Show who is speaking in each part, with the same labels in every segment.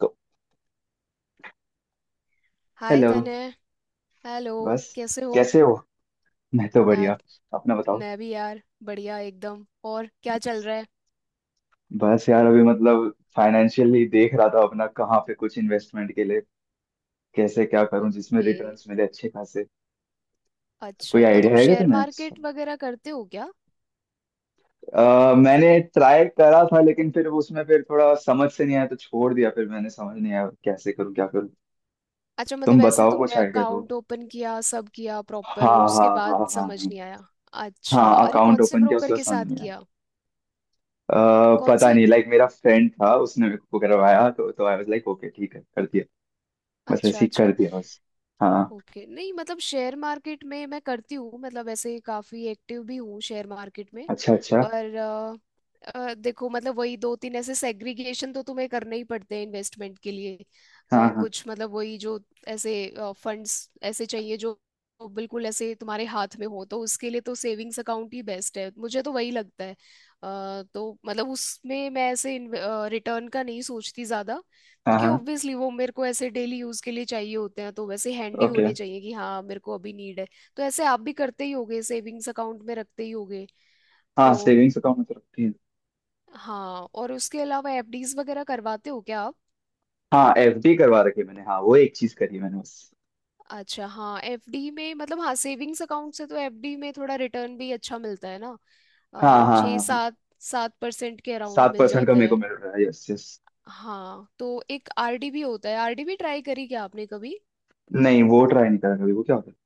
Speaker 1: तो
Speaker 2: hi
Speaker 1: hello.
Speaker 2: तने। Hello.
Speaker 1: बस।
Speaker 2: कैसे हो
Speaker 1: कैसे हो। मैं तो
Speaker 2: यार?
Speaker 1: बढ़िया। अपना बताओ।
Speaker 2: मैं भी यार बढ़िया एकदम। और क्या चल रहा है?
Speaker 1: बस यार, अभी मतलब फाइनेंशियली देख रहा था अपना कहाँ पे कुछ इन्वेस्टमेंट के लिए, कैसे क्या करूं जिसमें
Speaker 2: ओके।
Speaker 1: रिटर्न्स मिले अच्छे खासे। कोई
Speaker 2: अच्छा, तो तुम
Speaker 1: आइडिया है क्या
Speaker 2: शेयर
Speaker 1: तुम्हें इसका?
Speaker 2: मार्केट वगैरह करते हो क्या?
Speaker 1: मैंने ट्राई करा था, लेकिन फिर उसमें फिर थोड़ा समझ से नहीं आया तो छोड़ दिया। फिर मैंने समझ नहीं आया कैसे करूँ क्या करूँ।
Speaker 2: अच्छा,
Speaker 1: तुम
Speaker 2: मतलब ऐसे
Speaker 1: बताओ कुछ
Speaker 2: तुमने
Speaker 1: आइडिया दो।
Speaker 2: अकाउंट ओपन किया, सब किया
Speaker 1: हाँ
Speaker 2: प्रॉपर, और
Speaker 1: हाँ
Speaker 2: उसके
Speaker 1: हाँ
Speaker 2: बाद
Speaker 1: हाँ
Speaker 2: समझ
Speaker 1: हाँ।
Speaker 2: नहीं आया? अच्छा,
Speaker 1: हाँ
Speaker 2: अरे
Speaker 1: अकाउंट
Speaker 2: कौन से
Speaker 1: ओपन किया
Speaker 2: ब्रोकर
Speaker 1: उसके बाद
Speaker 2: के साथ
Speaker 1: समझ में आया।
Speaker 2: किया?
Speaker 1: अ,
Speaker 2: कौन
Speaker 1: पता
Speaker 2: से?
Speaker 1: नहीं, लाइक मेरा फ्रेंड था उसने मेरे को करवाया, तो आई वाज लाइक ओके ठीक है कर दिया। बस
Speaker 2: अच्छा
Speaker 1: ऐसे ही कर
Speaker 2: अच्छा।
Speaker 1: दिया बस। हाँ।
Speaker 2: ओके, नहीं मतलब शेयर मार्केट में मैं करती हूँ, मतलब ऐसे काफी एक्टिव भी हूँ शेयर मार्केट में।
Speaker 1: अच्छा अच्छा।
Speaker 2: पर देखो, मतलब वही दो तीन ऐसे सेग्रीगेशन तो तुम्हें करने ही पड़ते हैं इन्वेस्टमेंट के लिए।
Speaker 1: हाँ हाँ
Speaker 2: कुछ मतलब वही जो ऐसे फंड्स ऐसे चाहिए जो बिल्कुल ऐसे तुम्हारे हाथ में हो, तो उसके लिए तो सेविंग्स अकाउंट ही बेस्ट है, मुझे तो वही लगता है। तो मतलब उसमें मैं ऐसे रिटर्न का नहीं सोचती ज्यादा,
Speaker 1: हाँ
Speaker 2: क्योंकि
Speaker 1: हाँ।
Speaker 2: ऑब्वियसली वो मेरे को ऐसे डेली यूज के लिए चाहिए होते हैं, तो वैसे हैंडी
Speaker 1: ओके।
Speaker 2: होने चाहिए कि हाँ मेरे को अभी नीड है। तो ऐसे आप भी करते ही होगे, सेविंग्स अकाउंट में रखते ही होगे
Speaker 1: हाँ
Speaker 2: तो।
Speaker 1: सेविंग्स अकाउंट में तो रखती है।
Speaker 2: हाँ, और उसके अलावा एफडीज वगैरह करवाते हो क्या आप?
Speaker 1: हाँ एफडी करवा रखी है मैंने। हाँ वो एक चीज करी है मैंने बस।
Speaker 2: अच्छा हाँ, एफडी में मतलब हाँ, सेविंग्स अकाउंट से तो एफडी में थोड़ा रिटर्न भी अच्छा मिलता है ना।
Speaker 1: हाँ हाँ
Speaker 2: छः
Speaker 1: हाँ हाँ।
Speaker 2: सात 7% के अराउंड
Speaker 1: सात
Speaker 2: मिल
Speaker 1: परसेंट का
Speaker 2: जाता
Speaker 1: मेरे को
Speaker 2: है।
Speaker 1: मिल रहा है, यस यस।
Speaker 2: हाँ, तो एक आरडी भी होता है। आरडी भी ट्राई करी क्या आपने कभी?
Speaker 1: नहीं वो ट्राई नहीं करा कभी, वो क्या होता है?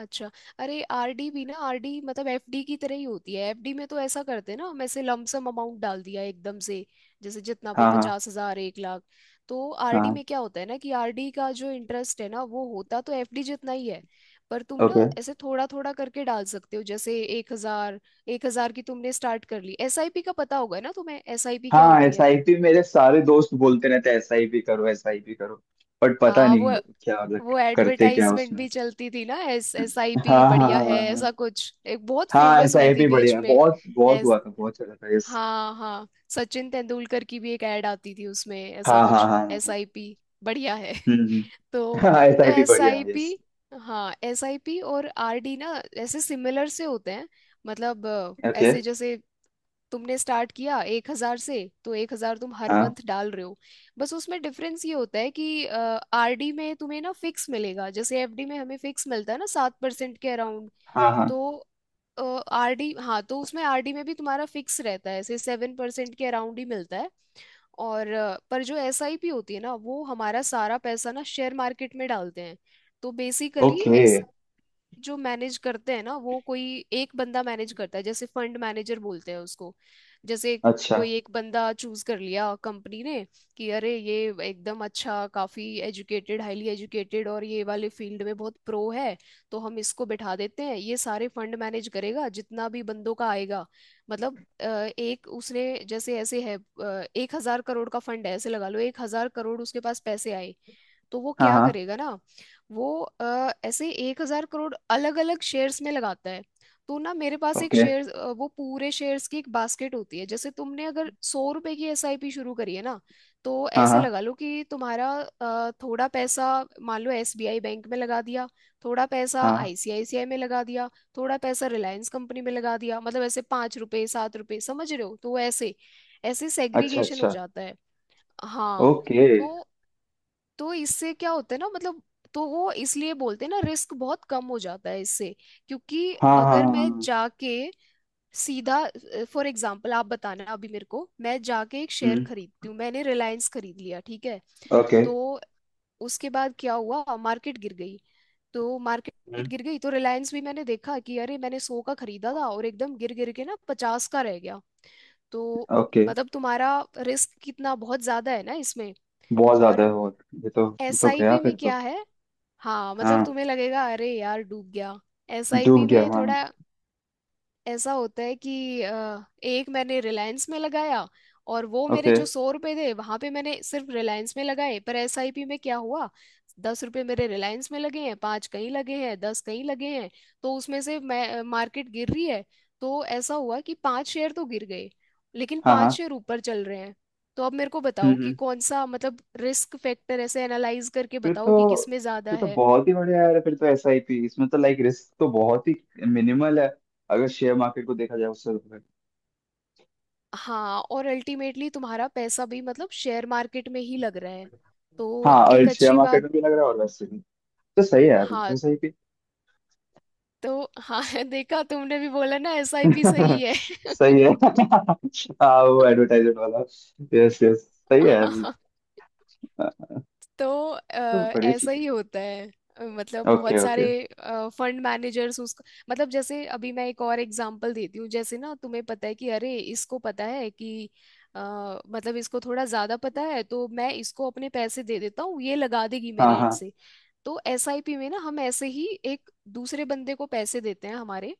Speaker 2: अच्छा, अरे आरडी भी ना, आरडी मतलब एफडी की तरह ही होती है। एफडी में तो ऐसा करते हैं ना हम, ऐसे लमसम अमाउंट डाल दिया एकदम से, जैसे जितना भी,
Speaker 1: हाँ हाँ
Speaker 2: 50,000, 1 लाख। तो आरडी
Speaker 1: हाँ।
Speaker 2: में क्या होता है ना, कि आरडी का जो इंटरेस्ट है ना वो होता तो एफडी जितना ही है, पर तुम
Speaker 1: ओके।
Speaker 2: ना ऐसे थोड़ा थोड़ा करके डाल सकते हो, जैसे 1,000। 1,000 की तुमने स्टार्ट कर ली। एसआईपी का पता होगा ना तुम्हें, एसआईपी क्या
Speaker 1: हाँ
Speaker 2: होती
Speaker 1: एस
Speaker 2: है?
Speaker 1: आई पी मेरे सारे दोस्त बोलते रहते हैं एस आई पी करो एस आई पी करो। बट पता
Speaker 2: हाँ वो
Speaker 1: नहीं क्या मतलब।
Speaker 2: वो
Speaker 1: करते क्या
Speaker 2: एडवर्टाइजमेंट
Speaker 1: उसमें?
Speaker 2: भी चलती थी ना, एस एस आई पी
Speaker 1: हाँ हाँ
Speaker 2: बढ़िया
Speaker 1: हाँ
Speaker 2: है,
Speaker 1: हाँ
Speaker 2: ऐसा कुछ, एक बहुत
Speaker 1: हाँ
Speaker 2: फेमस
Speaker 1: ऐसा
Speaker 2: हुई
Speaker 1: आई
Speaker 2: थी
Speaker 1: पी बढ़िया
Speaker 2: बीच
Speaker 1: है,
Speaker 2: में।
Speaker 1: बहुत बहुत
Speaker 2: एस,
Speaker 1: हुआ था बहुत चला था, यस।
Speaker 2: हाँ हाँ, सचिन तेंदुलकर की भी एक एड आती थी उसमें,
Speaker 1: हाँ
Speaker 2: ऐसा
Speaker 1: हाँ हाँ
Speaker 2: कुछ,
Speaker 1: हाँ
Speaker 2: एस
Speaker 1: हाँ।
Speaker 2: आई पी बढ़िया है
Speaker 1: हम्म हम्म।
Speaker 2: तो
Speaker 1: हाँ एस
Speaker 2: तो
Speaker 1: आई पी
Speaker 2: एस
Speaker 1: बढ़िया
Speaker 2: आई
Speaker 1: है,
Speaker 2: पी,
Speaker 1: यस।
Speaker 2: हाँ, एस आई पी और आर डी ना ऐसे सिमिलर से होते हैं। मतलब
Speaker 1: ओके।
Speaker 2: ऐसे जैसे तुमने स्टार्ट किया 1,000 से, तो 1,000 तुम हर
Speaker 1: हाँ
Speaker 2: मंथ डाल रहे हो। बस उसमें डिफरेंस ये होता है कि आरडी में तुम्हें ना फिक्स मिलेगा, जैसे एफडी में हमें फिक्स मिलता है ना, 7% के अराउंड।
Speaker 1: हाँ
Speaker 2: तो
Speaker 1: हाँ।
Speaker 2: आरडी, हाँ तो उसमें आरडी में भी तुम्हारा फिक्स रहता है, ऐसे 7% के अराउंड ही मिलता है। और पर जो एसआईपी होती है ना, वो हमारा सारा पैसा ना शेयर मार्केट में डालते हैं। तो बेसिकली
Speaker 1: ओके।
Speaker 2: एस, जो मैनेज करते हैं ना, वो कोई एक बंदा मैनेज करता है, जैसे फंड मैनेजर बोलते हैं उसको। जैसे
Speaker 1: अच्छा
Speaker 2: कोई एक बंदा चूज कर लिया कंपनी ने कि अरे ये एकदम अच्छा, काफी एजुकेटेड, हाईली एजुकेटेड, और ये वाले फील्ड में बहुत प्रो है, तो हम इसको बिठा देते हैं, ये सारे फंड मैनेज करेगा जितना भी बंदों का आएगा। मतलब एक उसने जैसे ऐसे है, 1,000 करोड़ का फंड है। ऐसे लगा लो 1,000 करोड़ उसके पास पैसे आए, तो वो
Speaker 1: हाँ
Speaker 2: क्या
Speaker 1: हाँ।
Speaker 2: करेगा ना, वो ऐसे 1,000 करोड़ अलग अलग शेयर्स में लगाता है। तो ना, मेरे पास एक
Speaker 1: ओके।
Speaker 2: शेयर, वो पूरे शेयर्स की एक बास्केट होती है। जैसे तुमने अगर 100 रुपए की एसआईपी शुरू करी है ना, तो
Speaker 1: हाँ
Speaker 2: ऐसे
Speaker 1: हाँ
Speaker 2: लगा लो कि तुम्हारा थोड़ा पैसा मान लो एसबीआई बैंक में लगा दिया, थोड़ा पैसा
Speaker 1: हाँ।
Speaker 2: आईसीआईसीआई में लगा दिया, थोड़ा पैसा रिलायंस कंपनी में लगा दिया, मतलब ऐसे 5 रुपए 7 रुपए, समझ रहे हो? तो ऐसे ऐसे
Speaker 1: अच्छा
Speaker 2: सेग्रीगेशन हो
Speaker 1: अच्छा।
Speaker 2: जाता है। हाँ।
Speaker 1: ओके।
Speaker 2: तो तो इससे क्या होता है ना मतलब, तो वो इसलिए बोलते हैं ना, रिस्क बहुत कम हो जाता है इससे। क्योंकि
Speaker 1: हाँ हाँ
Speaker 2: अगर
Speaker 1: हाँ
Speaker 2: मैं
Speaker 1: हाँ।
Speaker 2: जाके सीधा, फॉर एग्जांपल आप बताना, अभी मेरे को मैं जाके एक शेयर
Speaker 1: हम्म।
Speaker 2: खरीदती हूँ, मैंने रिलायंस खरीद लिया, ठीक है।
Speaker 1: ओके।
Speaker 2: तो उसके बाद क्या हुआ, मार्केट गिर गई। तो मार्केट
Speaker 1: हम्म।
Speaker 2: गिर गई, तो रिलायंस भी मैंने देखा कि अरे मैंने 100 का खरीदा था और एकदम गिर गिर के ना 50 का रह गया। तो
Speaker 1: ओके।
Speaker 2: मतलब तुम्हारा रिस्क कितना बहुत ज्यादा है ना इसमें।
Speaker 1: बहुत ज्यादा
Speaker 2: और
Speaker 1: है। और ये तो गया
Speaker 2: एसआईपी
Speaker 1: फिर
Speaker 2: में
Speaker 1: तो।
Speaker 2: क्या है, हाँ मतलब
Speaker 1: हाँ
Speaker 2: तुम्हें लगेगा अरे यार डूब गया। एसआईपी
Speaker 1: डूब गया
Speaker 2: में
Speaker 1: हाँ।
Speaker 2: थोड़ा ऐसा होता है कि एक मैंने रिलायंस में लगाया, और वो मेरे
Speaker 1: ओके।
Speaker 2: जो 100 रुपए थे वहां पे मैंने सिर्फ रिलायंस में लगाए, पर एसआईपी में क्या हुआ, 10 रुपए मेरे रिलायंस में लगे हैं, पांच कहीं लगे हैं, दस कहीं लगे हैं। तो उसमें से मैं, मार्केट गिर रही है, तो ऐसा हुआ कि पांच शेयर तो गिर गए, लेकिन
Speaker 1: हाँ
Speaker 2: पांच
Speaker 1: हाँ।
Speaker 2: शेयर ऊपर चल रहे हैं। तो अब मेरे को
Speaker 1: हम्म
Speaker 2: बताओ कि
Speaker 1: हम्म।
Speaker 2: कौन सा, मतलब रिस्क फैक्टर ऐसे एनालाइज करके
Speaker 1: फिर
Speaker 2: बताओ कि
Speaker 1: तो
Speaker 2: किस में ज्यादा
Speaker 1: फिर तो
Speaker 2: है।
Speaker 1: बहुत ही बढ़िया यार, फिर तो एस आई पी इसमें तो लाइक रिस्क तो बहुत ही मिनिमल है, अगर शेयर मार्केट को देखा जाए उससे तो।
Speaker 2: हाँ, और अल्टीमेटली तुम्हारा पैसा भी मतलब शेयर मार्केट में ही लग रहा है, तो
Speaker 1: हाँ और
Speaker 2: एक
Speaker 1: शेयर
Speaker 2: अच्छी
Speaker 1: मार्केट
Speaker 2: बात।
Speaker 1: में भी लग रहा है और वैसे भी तो सही है यार बिल्कुल
Speaker 2: हाँ,
Speaker 1: सही भी।
Speaker 2: तो हाँ देखा, तुमने भी बोला ना एसआईपी सही है
Speaker 1: सही है। हाँ वो एडवर्टाइजमेंट वाला, यस यस। सही है यार।
Speaker 2: हाँ, तो
Speaker 1: तो बढ़िया
Speaker 2: ऐसा
Speaker 1: चीज
Speaker 2: ही होता है। मतलब
Speaker 1: है। ओके
Speaker 2: बहुत सारे
Speaker 1: ओके।
Speaker 2: फंड मैनेजर्स उसको, मतलब जैसे अभी मैं एक और एग्जांपल देती हूँ, जैसे ना तुम्हें पता है कि अरे इसको पता है कि अ, मतलब इसको थोड़ा ज्यादा पता है, तो मैं इसको अपने पैसे दे देता हूँ, ये लगा देगी
Speaker 1: हाँ
Speaker 2: मेरे एंड
Speaker 1: हाँ।
Speaker 2: से। तो एसआईपी में ना हम ऐसे ही एक दूसरे बंदे को पैसे देते हैं हमारे,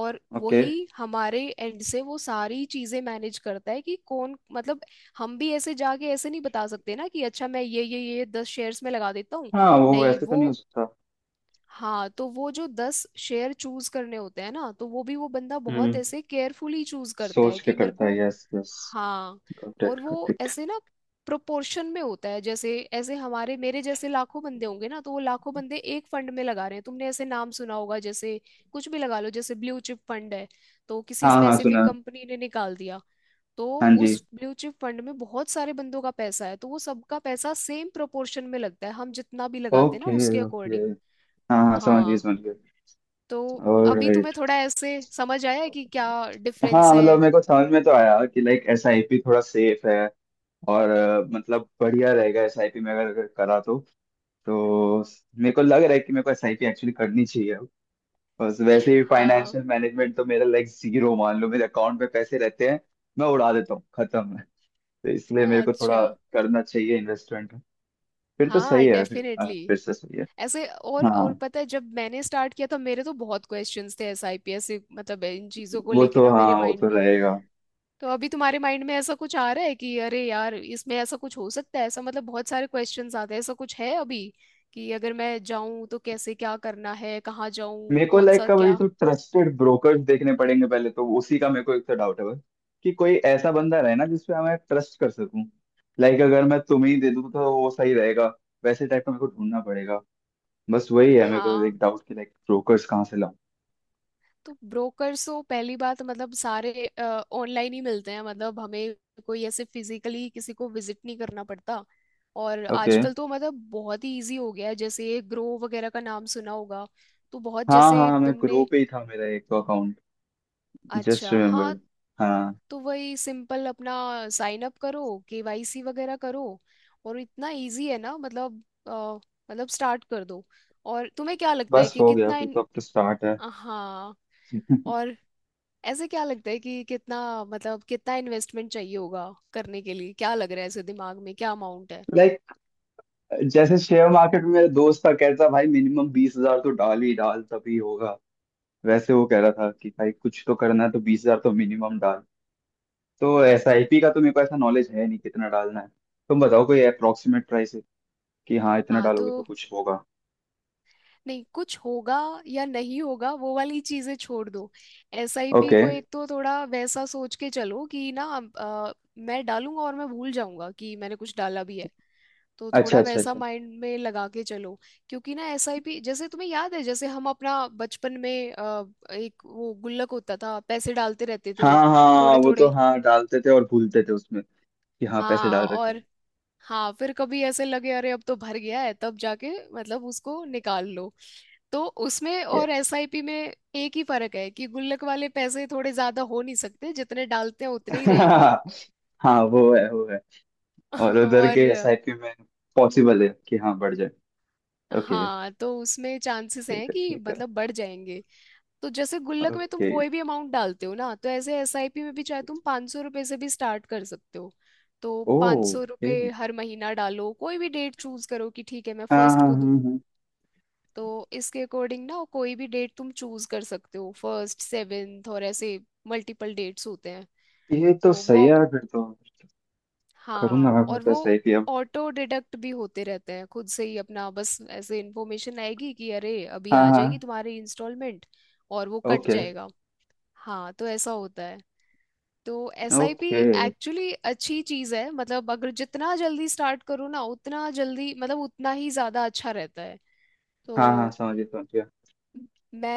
Speaker 2: और
Speaker 1: ओके।
Speaker 2: वही हमारे एंड से वो सारी चीजें मैनेज करता है कि कौन, मतलब हम भी ऐसे जाके ऐसे नहीं बता सकते ना कि अच्छा मैं ये 10 शेयर्स में लगा देता हूँ।
Speaker 1: हाँ वो
Speaker 2: नहीं
Speaker 1: वैसे तो नहीं
Speaker 2: वो,
Speaker 1: हो सकता।
Speaker 2: हाँ तो वो जो 10 शेयर चूज करने होते हैं ना, तो वो भी वो बंदा बहुत
Speaker 1: हम्म।
Speaker 2: ऐसे केयरफुली चूज करता है
Speaker 1: सोच के
Speaker 2: कि मेरे
Speaker 1: करता
Speaker 2: को।
Speaker 1: है, यस यस।
Speaker 2: हाँ,
Speaker 1: गॉट
Speaker 2: और
Speaker 1: इट गॉट
Speaker 2: वो
Speaker 1: इट।
Speaker 2: ऐसे ना प्रोपोर्शन में होता है, जैसे ऐसे हमारे, मेरे जैसे लाखों बंदे होंगे ना, तो वो लाखों बंदे एक फंड में लगा रहे हैं। तुमने ऐसे नाम सुना होगा जैसे, कुछ भी लगा लो, जैसे ब्लू चिप फंड है, तो किसी
Speaker 1: हाँ हाँ
Speaker 2: स्पेसिफिक
Speaker 1: सुना।
Speaker 2: कंपनी ने निकाल दिया। तो
Speaker 1: हाँ जी।
Speaker 2: उस ब्लू चिप फंड में बहुत सारे बंदों का पैसा है, तो वो सबका पैसा सेम प्रोपोर्शन में लगता है, हम जितना भी लगाते हैं ना
Speaker 1: ओके
Speaker 2: उसके
Speaker 1: ओके।
Speaker 2: अकॉर्डिंग।
Speaker 1: हाँ हाँ समझ गए
Speaker 2: हाँ।
Speaker 1: समझ गए।
Speaker 2: तो अभी तुम्हें
Speaker 1: ऑलराइट।
Speaker 2: थोड़ा ऐसे समझ आया है कि क्या डिफरेंस
Speaker 1: हाँ मतलब
Speaker 2: है?
Speaker 1: मेरे को समझ में तो आया कि लाइक एसआईपी थोड़ा सेफ है, और मतलब बढ़िया रहेगा एसआईपी में, अगर अगर करा तो। तो मेरे को लग रहा है कि मेरे को एसआईपी एक्चुअली करनी चाहिए अब। बस वैसे भी
Speaker 2: हाँ।
Speaker 1: फाइनेंशियल मैनेजमेंट तो मेरा लाइक जीरो मान लो, मेरे अकाउंट में पैसे रहते हैं मैं उड़ा देता हूँ खत्म है। तो इसलिए मेरे को
Speaker 2: अच्छा
Speaker 1: थोड़ा करना चाहिए इन्वेस्टमेंट। फिर तो सही
Speaker 2: हाँ,
Speaker 1: है, फिर
Speaker 2: डेफिनेटली।
Speaker 1: फिर से सही है।
Speaker 2: ऐसे,
Speaker 1: हाँ
Speaker 2: और पता है, जब मैंने स्टार्ट किया था, मेरे तो बहुत क्वेश्चंस थे एसआईपीएस से, मतलब इन चीज़ों को
Speaker 1: वो
Speaker 2: लेके
Speaker 1: तो
Speaker 2: ना
Speaker 1: हाँ
Speaker 2: मेरे
Speaker 1: वो
Speaker 2: माइंड
Speaker 1: तो
Speaker 2: में।
Speaker 1: रहेगा।
Speaker 2: तो अभी तुम्हारे माइंड में ऐसा कुछ आ रहा है कि अरे यार इसमें ऐसा कुछ हो सकता है, ऐसा मतलब बहुत सारे क्वेश्चंस आते हैं, ऐसा कुछ है अभी, कि अगर मैं जाऊं तो कैसे, क्या करना है, कहाँ जाऊं,
Speaker 1: मेरे को
Speaker 2: कौन
Speaker 1: लाइक
Speaker 2: सा
Speaker 1: का वही
Speaker 2: क्या?
Speaker 1: तो ट्रस्टेड ब्रोकर्स देखने पड़ेंगे पहले, तो उसी का मेरे को एक तो डाउट है बस कि कोई ऐसा बंदा रहे ना जिसपे मैं ट्रस्ट कर सकूं। लाइक अगर मैं तुम्हें ही दे दूं तो वो सही रहेगा, वैसे टाइप का मेरे को ढूंढना पड़ेगा। बस वही है मेरे को
Speaker 2: हाँ,
Speaker 1: एक डाउट कि लाइक ब्रोकर्स कहाँ से लाऊं।
Speaker 2: तो ब्रोकर्स तो पहली बात तो मतलब सारे ऑनलाइन ही मिलते हैं, मतलब हमें कोई ऐसे फिजिकली किसी को विजिट नहीं करना पड़ता। और
Speaker 1: ओके।
Speaker 2: आजकल तो मतलब बहुत ही इजी हो गया है, जैसे ये ग्रो वगैरह का नाम सुना होगा। तो बहुत,
Speaker 1: हाँ
Speaker 2: जैसे
Speaker 1: हाँ मैं
Speaker 2: तुमने,
Speaker 1: ग्रुप पे ही था मेरा एक तो अकाउंट, जस्ट
Speaker 2: अच्छा हाँ,
Speaker 1: रिमेम्बर्ड। हाँ।
Speaker 2: तो वही सिंपल अपना साइन अप करो, केवाईसी वगैरह करो, और इतना इजी है ना मतलब, अ, मतलब स्टार्ट कर दो। और तुम्हें क्या लगता है
Speaker 1: बस
Speaker 2: कि
Speaker 1: हो गया
Speaker 2: कितना
Speaker 1: फिर
Speaker 2: इन,
Speaker 1: तो, अब तो स्टार्ट है।
Speaker 2: हाँ, और ऐसे क्या लगता है कि कितना, मतलब कितना इन्वेस्टमेंट चाहिए होगा करने के लिए, क्या लग रहा है ऐसे दिमाग में, क्या अमाउंट है?
Speaker 1: लाइक जैसे शेयर मार्केट में मेरा दोस्त था, कहता भाई मिनिमम 20,000 तो डाल ही डाल तभी होगा। वैसे वो कह रहा था कि भाई कुछ तो करना है तो 20,000 तो मिनिमम डाल। तो एस आई पी का तो मेरे को ऐसा नॉलेज है नहीं कितना डालना है। तुम बताओ कोई अप्रोक्सीमेट प्राइस है कि हाँ इतना
Speaker 2: हाँ,
Speaker 1: डालोगे
Speaker 2: तो
Speaker 1: तो कुछ होगा।
Speaker 2: नहीं कुछ होगा या नहीं होगा वो वाली चीजें छोड़ दो। SIP
Speaker 1: okay.
Speaker 2: को एक तो थोड़ा वैसा सोच के चलो कि ना, अ, मैं डालूंगा और मैं भूल जाऊंगा कि मैंने कुछ डाला भी है, तो
Speaker 1: अच्छा
Speaker 2: थोड़ा
Speaker 1: अच्छा
Speaker 2: वैसा
Speaker 1: अच्छा।
Speaker 2: माइंड में लगा के चलो। क्योंकि ना एसआईपी, जैसे तुम्हें याद है, जैसे हम अपना बचपन में एक वो गुल्लक होता था, पैसे डालते रहते
Speaker 1: हाँ
Speaker 2: थे
Speaker 1: हाँ
Speaker 2: थोड़े
Speaker 1: वो तो
Speaker 2: थोड़े।
Speaker 1: हाँ डालते थे और भूलते थे उसमें कि हाँ पैसे
Speaker 2: हाँ
Speaker 1: डाल रखे
Speaker 2: और,
Speaker 1: हैं।
Speaker 2: हाँ फिर कभी ऐसे लगे अरे अब तो भर गया है, तब जाके मतलब उसको निकाल लो। तो उसमें
Speaker 1: Yeah.
Speaker 2: और एसआईपी में एक ही फर्क है कि गुल्लक वाले पैसे थोड़े ज्यादा हो नहीं सकते, जितने डालते हैं उतने ही रहेंगे
Speaker 1: हाँ वो है वो है। और उधर के
Speaker 2: और
Speaker 1: एस आई पी में पॉसिबल है कि हाँ बढ़ जाए। ओके।
Speaker 2: हाँ, तो उसमें चांसेस
Speaker 1: ठीक
Speaker 2: हैं
Speaker 1: है
Speaker 2: कि
Speaker 1: ठीक है।
Speaker 2: मतलब बढ़ जाएंगे। तो जैसे गुल्लक में तुम
Speaker 1: ओके
Speaker 2: कोई भी अमाउंट डालते हो ना, तो ऐसे एसआईपी में भी चाहे तुम 500 रुपये से भी स्टार्ट कर सकते हो। तो पाँच सौ
Speaker 1: ओके।
Speaker 2: रुपये हर महीना डालो, कोई भी डेट चूज करो कि ठीक है मैं
Speaker 1: हाँ
Speaker 2: फर्स्ट
Speaker 1: हाँ
Speaker 2: को दूँ।
Speaker 1: हाँ हाँ।
Speaker 2: तो इसके अकॉर्डिंग ना कोई भी डेट तुम चूज कर सकते हो, फर्स्ट, सेवेंथ, और ऐसे मल्टीपल डेट्स होते हैं।
Speaker 1: ये तो
Speaker 2: तो
Speaker 1: सही
Speaker 2: वो,
Speaker 1: है फिर तो। करूँ ना
Speaker 2: हाँ,
Speaker 1: मैं, फिर
Speaker 2: और
Speaker 1: तो
Speaker 2: वो
Speaker 1: सही थी अब।
Speaker 2: ऑटो डिडक्ट भी होते रहते हैं खुद से ही अपना, बस ऐसे इन्फॉर्मेशन आएगी कि अरे अभी
Speaker 1: हाँ
Speaker 2: आ जाएगी
Speaker 1: हाँ।
Speaker 2: तुम्हारी इंस्टॉलमेंट, और वो कट
Speaker 1: ओके
Speaker 2: जाएगा। हाँ तो ऐसा होता है। तो एसआईपी
Speaker 1: ओके।
Speaker 2: एक्चुअली अच्छी चीज़ है, मतलब अगर जितना जल्दी स्टार्ट करो ना उतना जल्दी, मतलब उतना ही ज़्यादा अच्छा रहता है।
Speaker 1: हाँ हाँ
Speaker 2: तो
Speaker 1: समझ गया समझ गया।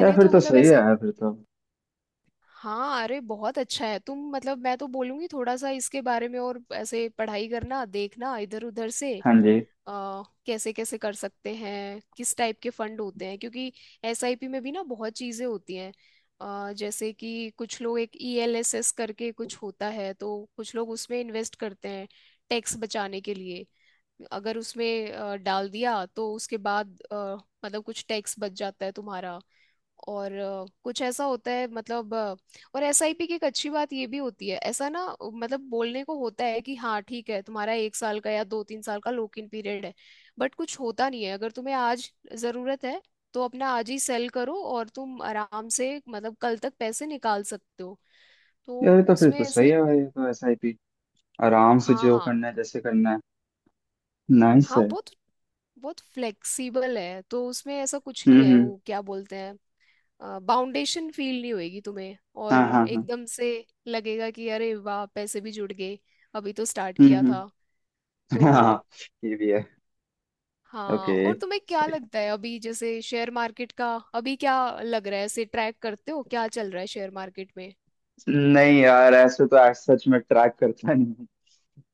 Speaker 1: यार फिर
Speaker 2: तो
Speaker 1: तो
Speaker 2: मतलब
Speaker 1: सही है
Speaker 2: ऐसे,
Speaker 1: यार फिर तो।
Speaker 2: हाँ अरे बहुत अच्छा है। तुम मतलब मैं तो बोलूंगी थोड़ा सा इसके बारे में और ऐसे पढ़ाई करना, देखना इधर उधर से,
Speaker 1: हाँ जी।
Speaker 2: कैसे कैसे कर सकते हैं, किस टाइप के फंड होते हैं, क्योंकि एसआईपी में भी ना बहुत चीजें होती हैं। जैसे कि कुछ लोग एक ईएलएसएस करके कुछ होता है, तो कुछ लोग उसमें इन्वेस्ट करते हैं टैक्स बचाने के लिए। अगर उसमें डाल दिया तो उसके बाद मतलब कुछ टैक्स बच जाता है तुम्हारा। और कुछ ऐसा होता है, मतलब और एसआईपी की एक अच्छी बात ये भी होती है, ऐसा ना मतलब बोलने को होता है कि हाँ ठीक है, तुम्हारा 1 साल का या दो तीन साल का लॉक इन पीरियड है, बट कुछ होता नहीं है। अगर तुम्हें आज जरूरत है तो अपना आज ही सेल करो और तुम आराम से मतलब कल तक पैसे निकाल सकते हो। तो
Speaker 1: यार ये तो फिर
Speaker 2: उसमें
Speaker 1: तो सही
Speaker 2: ऐसे,
Speaker 1: है भाई, ये तो एस आई पी आराम से जो
Speaker 2: हाँ
Speaker 1: करना है जैसे करना है। नाइस
Speaker 2: हाँ,
Speaker 1: है।
Speaker 2: बहुत बहुत फ्लेक्सिबल है, तो उसमें ऐसा कुछ नहीं है,
Speaker 1: हम्म।
Speaker 2: वो क्या बोलते हैं, बाउंडेशन फील नहीं होएगी तुम्हें।
Speaker 1: हाँ
Speaker 2: और
Speaker 1: हाँ हाँ।
Speaker 2: एकदम से लगेगा कि अरे वाह पैसे भी जुड़ गए, अभी तो स्टार्ट किया था।
Speaker 1: हम्म।
Speaker 2: तो
Speaker 1: हाँ ये भी है।
Speaker 2: हाँ,
Speaker 1: ओके।
Speaker 2: और तुम्हें क्या
Speaker 1: सही।
Speaker 2: लगता है अभी जैसे शेयर मार्केट का अभी क्या लग रहा है, ऐसे ट्रैक करते हो क्या चल रहा है शेयर मार्केट में?
Speaker 1: नहीं यार ऐसे तो आज सच में ट्रैक करता नहीं,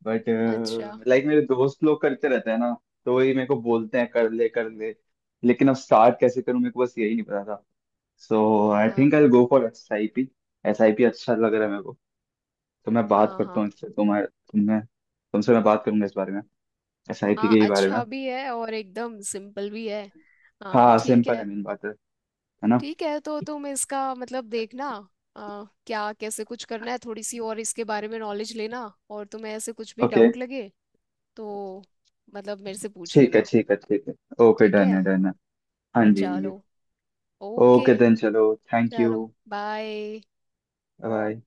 Speaker 1: बट
Speaker 2: अच्छा।
Speaker 1: लाइक मेरे दोस्त लोग करते रहते हैं ना, तो वही मेरे को बोलते हैं कर ले कर ले। लेकिन अब स्टार्ट कैसे करूं मेरे को बस यही नहीं पता था। सो आई
Speaker 2: हाँ
Speaker 1: think I go for S I P. S I P अच्छा लग रहा है मेरे को। तो मैं बात
Speaker 2: हाँ
Speaker 1: करता
Speaker 2: हाँ
Speaker 1: हूँ इससे, तुम्हें तुमने तुमसे मैं बात करूंगा इस बारे में, एस आई पी के
Speaker 2: हाँ।
Speaker 1: ही बारे में।
Speaker 2: अच्छा भी है और एकदम सिंपल भी है। हाँ
Speaker 1: हाँ
Speaker 2: ठीक
Speaker 1: सिंपल है
Speaker 2: है।
Speaker 1: मेन बात है ना?
Speaker 2: ठीक है, तो तुम इसका मतलब देखना, क्या कैसे कुछ करना है, थोड़ी सी और इसके बारे में नॉलेज लेना, और तुम्हें ऐसे कुछ भी
Speaker 1: ओके।
Speaker 2: डाउट लगे तो मतलब मेरे से पूछ
Speaker 1: ठीक है
Speaker 2: लेना।
Speaker 1: ठीक है ठीक है। ओके
Speaker 2: ठीक
Speaker 1: डन
Speaker 2: है।
Speaker 1: है डन है। हाँ जी हाँ जी।
Speaker 2: चलो, ओके।
Speaker 1: ओके देन चलो। Thank you.
Speaker 2: चलो। बाय।
Speaker 1: बाय।